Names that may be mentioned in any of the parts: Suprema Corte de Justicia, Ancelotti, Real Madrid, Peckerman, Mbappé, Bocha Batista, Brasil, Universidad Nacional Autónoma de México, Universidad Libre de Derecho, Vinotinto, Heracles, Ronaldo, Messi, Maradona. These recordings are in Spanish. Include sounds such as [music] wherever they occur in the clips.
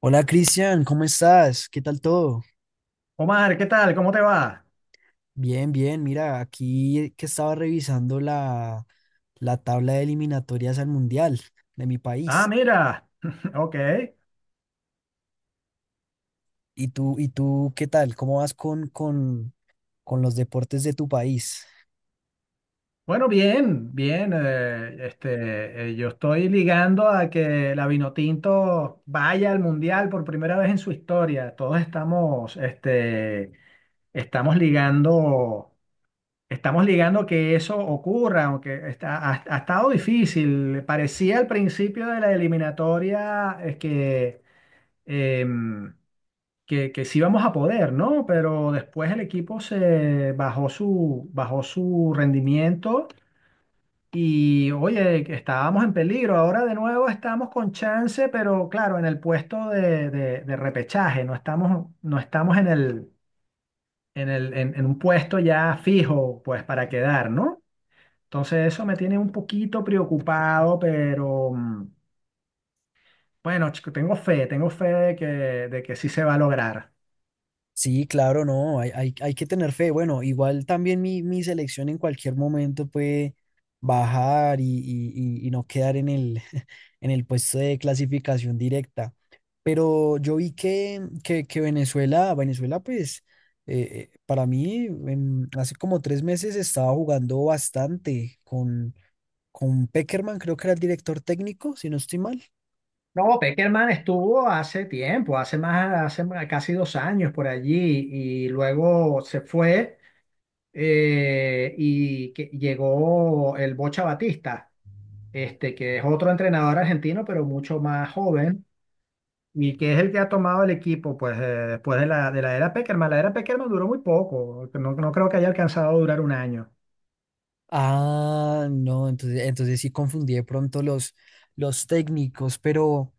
Hola Cristian, ¿cómo estás? ¿Qué tal todo? Omar, ¿qué tal? ¿Cómo te va? Bien, bien. Mira, aquí que estaba revisando la tabla de eliminatorias al Mundial de mi Ah, país. mira. [laughs] Ok. ¿Y tú qué tal? ¿Cómo vas con los deportes de tu país? Bueno, bien, bien. Yo estoy ligando a que la Vinotinto vaya al Mundial por primera vez en su historia. Todos estamos, estamos ligando, estamos ligando que eso ocurra, aunque ha estado difícil. Parecía al principio de la eliminatoria, es que em, que sí vamos a poder, ¿no? Pero después el equipo bajó su rendimiento y, oye, que estábamos en peligro. Ahora de nuevo estamos con chance, pero claro, en el puesto de repechaje, no estamos en un puesto ya fijo, pues, para quedar, ¿no? Entonces eso me tiene un poquito preocupado, pero bueno, chico, tengo fe de que sí se va a lograr. Sí, claro, no, hay que tener fe. Bueno, igual también mi selección en cualquier momento puede bajar y no quedar [laughs] en el puesto de clasificación directa. Pero yo vi que Venezuela, pues, eh, para mí, hace como 3 meses estaba jugando bastante con Peckerman, creo que era el director técnico, si no estoy mal. No, Peckerman estuvo hace tiempo, casi 2 años por allí y luego se fue, llegó el Bocha Batista, que es otro entrenador argentino, pero mucho más joven y que es el que ha tomado el equipo pues, después de de la era Peckerman. La era Peckerman duró muy poco, no, no creo que haya alcanzado a durar un año. Ah, no, entonces, entonces sí confundí de pronto los técnicos, pero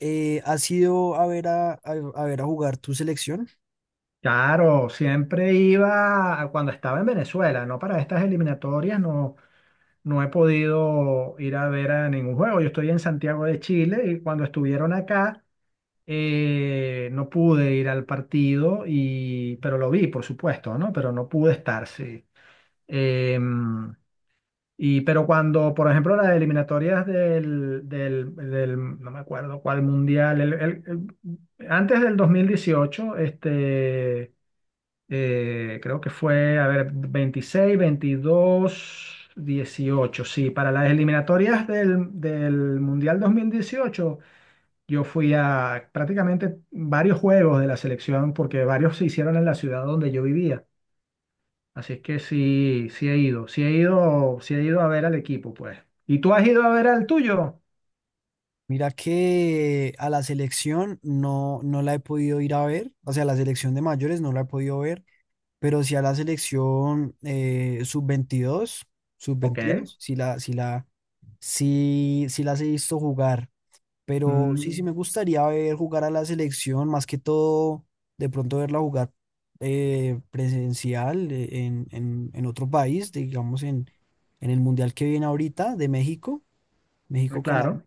¿has ido a ver a jugar tu selección? Claro, siempre cuando estaba en Venezuela, no para estas eliminatorias, no. No he podido ir a ver a ningún juego. Yo estoy en Santiago de Chile y cuando estuvieron acá no pude ir al partido y pero lo vi, por supuesto, ¿no? Pero no pude estar, sí. Em, y pero cuando, por ejemplo, las eliminatorias no me acuerdo cuál mundial, antes del 2018, creo que fue, a ver, 26, 22, 18. Sí, para las eliminatorias del Mundial 2018, yo fui a prácticamente varios juegos de la selección porque varios se hicieron en la ciudad donde yo vivía. Así es que sí, sí he ido a ver al equipo, pues. ¿Y tú has ido a ver al tuyo? Mira que a la selección no la he podido ir a ver, o sea, la selección de mayores no la he podido ver, pero sí a la selección sub Ok. veintiuno sí las he visto jugar. Pero sí Mm, me gustaría ver jugar a la selección, más que todo, de pronto verla jugar presencial, en otro país, digamos en el Mundial que viene ahorita de México, México-Canadá, claro.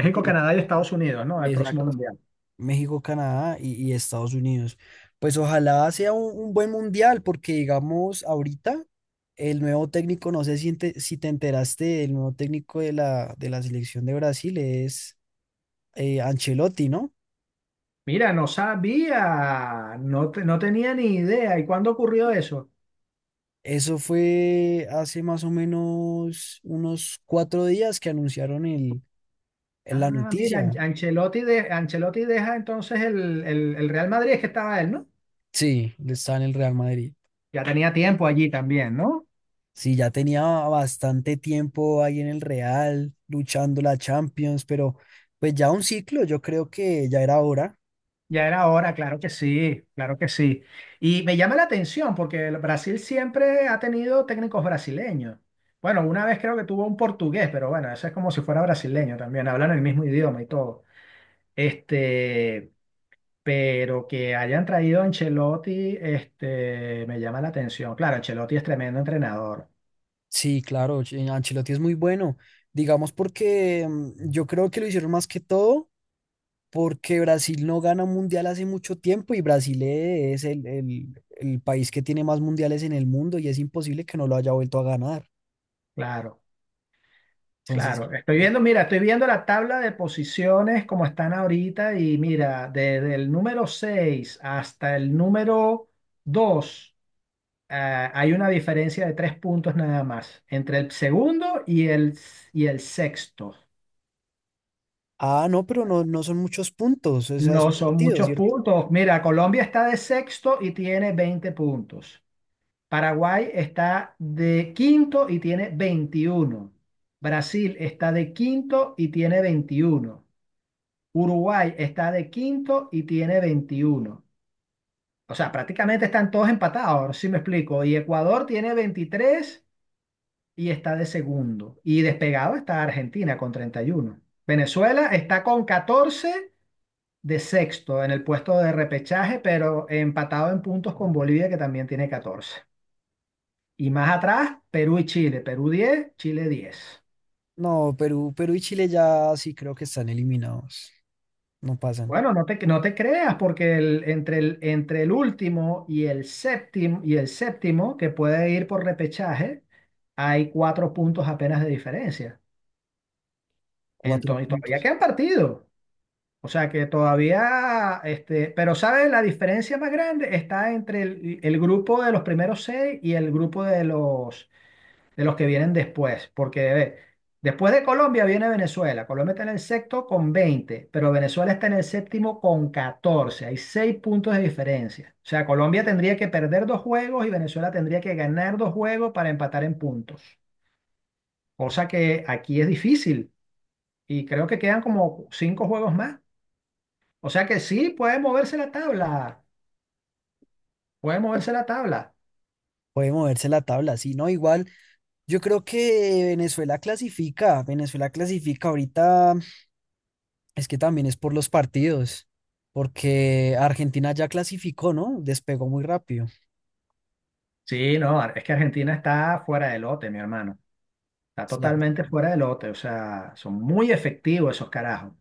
porque yo- Canadá y Estados Unidos, ¿no? El próximo exacto, Mundial. México-Canadá y Estados Unidos. Pues ojalá sea un buen mundial, porque digamos ahorita el nuevo técnico, no sé si te, si te enteraste, el nuevo técnico de la selección de Brasil es, Ancelotti, ¿no? Mira, no sabía, no, no tenía ni idea. ¿Y cuándo ocurrió eso? Eso fue hace más o menos unos 4 días que anunciaron la Ah, mira, noticia. Ancelotti deja entonces el Real Madrid, es que estaba él, ¿no? Sí, está en el Real Madrid. Ya tenía tiempo allí también, ¿no? Sí, ya tenía bastante tiempo ahí en el Real, luchando la Champions, pero pues ya un ciclo, yo creo que ya era hora. Ya era hora, claro que sí, claro que sí. Y me llama la atención porque el Brasil siempre ha tenido técnicos brasileños. Bueno, una vez creo que tuvo un portugués, pero bueno, eso es como si fuera brasileño también, hablan el mismo idioma y todo. Este. Pero que hayan traído a Ancelotti, me llama la atención. Claro, Ancelotti es tremendo entrenador. Sí, claro, Ancelotti es muy bueno, digamos porque yo creo que lo hicieron más que todo porque Brasil no gana un mundial hace mucho tiempo y Brasil es el país que tiene más mundiales en el mundo y es imposible que no lo haya vuelto a ganar. Claro, Entonces, claro. Estoy viendo, mira, estoy viendo la tabla de posiciones como están ahorita y mira, desde el número 6 hasta el número dos, hay una diferencia de tres puntos nada más entre el segundo y y el sexto. ah, no, pero no son muchos puntos, o sea, es No un son partido, muchos ¿cierto? puntos. Mira, Colombia está de sexto y tiene 20 puntos. Paraguay está de quinto y tiene 21. Brasil está de quinto y tiene 21. Uruguay está de quinto y tiene 21. O sea, prácticamente están todos empatados, si me explico. Y Ecuador tiene 23 y está de segundo. Y despegado está Argentina con 31. Venezuela está con 14 de sexto en el puesto de repechaje, pero empatado en puntos con Bolivia, que también tiene 14. Y más atrás, Perú y Chile. Perú 10. Chile 10. No, Perú y Chile ya sí creo que están eliminados, no pasan. Bueno, no te creas, porque entre entre el último y el séptimo, que puede ir por repechaje, hay cuatro puntos apenas de diferencia. Cuatro Entonces, todavía puntos. quedan partidos. O sea que todavía, pero ¿sabes? La diferencia más grande está entre el grupo de los primeros seis y el grupo de los que vienen después, porque a después de Colombia viene Venezuela. Colombia está en el sexto con 20, pero Venezuela está en el séptimo con 14. Hay seis puntos de diferencia. O sea, Colombia tendría que perder dos juegos y Venezuela tendría que ganar dos juegos para empatar en puntos, cosa que aquí es difícil y creo que quedan como cinco juegos más. O sea que sí, puede moverse la tabla, puede moverse la tabla. Puede moverse la tabla, sí, ¿no? Igual, yo creo que Venezuela clasifica ahorita. Es que también es por los partidos, porque Argentina ya clasificó, ¿no? Despegó muy rápido. Sí, no, es que Argentina está fuera de lote, mi hermano. Está Sí, ya, totalmente fuera de lote, o sea, son muy efectivos esos carajos.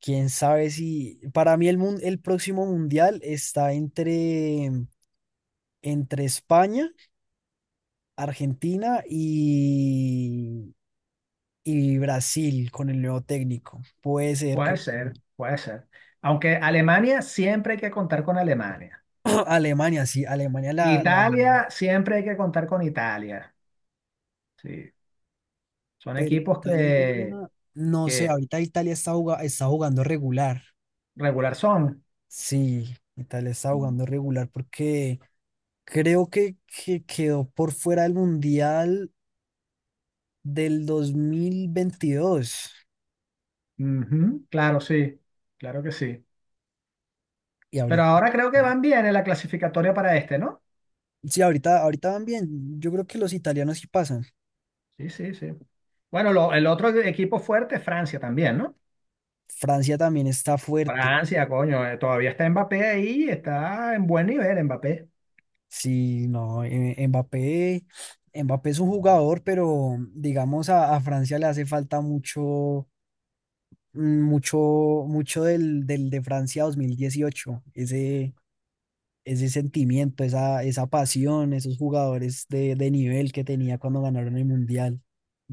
quién sabe si. Para mí, el, el próximo mundial está entre, entre España, Argentina y Brasil con el nuevo técnico. Puede ser Puede que ser, puede ser. Aunque Alemania siempre hay que contar con Alemania. [clears throat] Alemania, sí, Alemania la, la- Italia siempre hay que contar con Italia. Sí, son Pero equipos Italia, no sé, que ahorita Italia está jugando regular. regular son. Sí, Italia está jugando regular porque creo que quedó por fuera del Mundial del 2022. Ujú, claro, sí, claro que sí. Y Pero ahorita, ahora creo que van bien en la clasificatoria para este, ¿no? sí, ahorita, ahorita van bien. Yo creo que los italianos sí pasan. Sí, sí, sí. Bueno, el otro equipo fuerte es Francia también, ¿no? Francia también está fuerte. Francia, coño, todavía está Mbappé ahí, está en buen nivel Mbappé. Sí, no, Mbappé es un jugador, pero digamos a Francia le hace falta mm, mucho, mucho del de Francia 2018. Ese sentimiento, esa pasión, esos jugadores de nivel que tenía cuando ganaron el Mundial.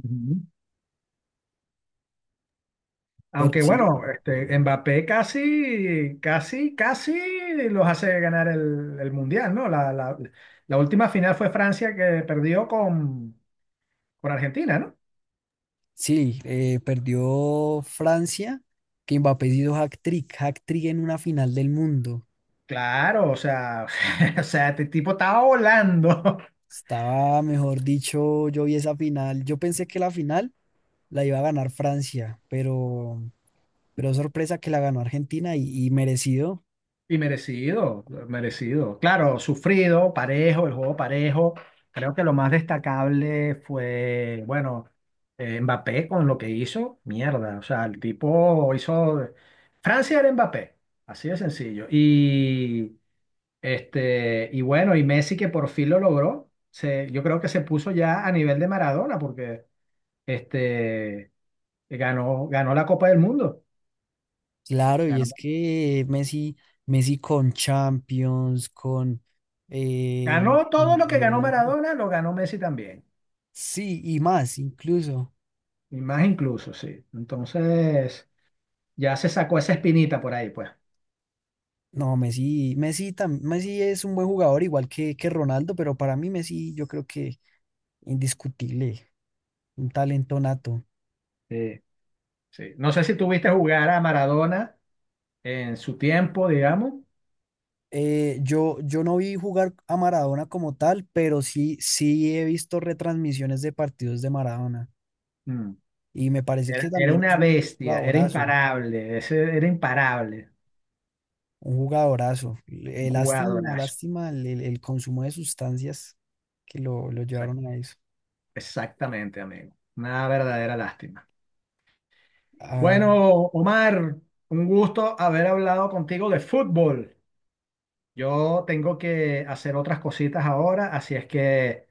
Ujú. Pero Aunque bueno, Mbappé casi, casi, casi los hace ganar el Mundial, ¿no? La última final fue Francia que perdió con Argentina, ¿no? sí, perdió Francia, que Mbappé hizo hat-trick en una final del mundo. Claro, o sea, [laughs] o sea, este tipo estaba volando. Estaba, mejor dicho, yo vi esa final. Yo pensé que la final la iba a ganar Francia, pero sorpresa que la ganó Argentina y merecido. Y merecido, merecido. Claro, sufrido, parejo, el juego parejo. Creo que lo más destacable fue, bueno, Mbappé con lo que hizo, mierda. O sea, el tipo hizo... Francia era Mbappé, así de sencillo. Y bueno, y Messi que por fin lo logró. Yo creo que se puso ya a nivel de Maradona porque este, ganó la Copa del Mundo. Claro, y es Ganó, que Messi, Messi con Champions, con... eh, ganó todo lo que ganó Mundial, Maradona, lo ganó Messi también. sí, y más incluso. Y más incluso, sí. Entonces, ya se sacó esa espinita por ahí, pues. No, Messi es un buen jugador, igual que Ronaldo, pero para mí Messi yo creo que indiscutible, un talento nato. Sí, sí. No sé si tuviste jugar a Maradona en su tiempo, digamos. Yo no vi jugar a Maradona como tal, pero sí he visto retransmisiones de partidos de Maradona Mm. y me parece que Era también es una un bestia, era jugadorazo, imparable, ese era imparable, un jugadorazo. un Lástima, jugadorazo. lástima el consumo de sustancias que lo Exa- llevaron a eso. Exactamente, amigo. Una verdadera lástima. Ah, Bueno, Omar, un gusto haber hablado contigo de fútbol. Yo tengo que hacer otras cositas ahora, así es que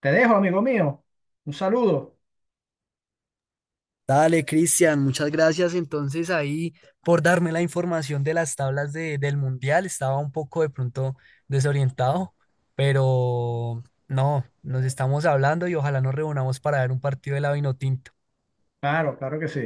te dejo, amigo mío. Un saludo. Dale, Cristian, muchas gracias entonces ahí por darme la información de las tablas del Mundial. Estaba un poco de pronto desorientado, pero no, nos estamos hablando y ojalá nos reunamos para ver un partido de la Vinotinto. Claro, claro que sí.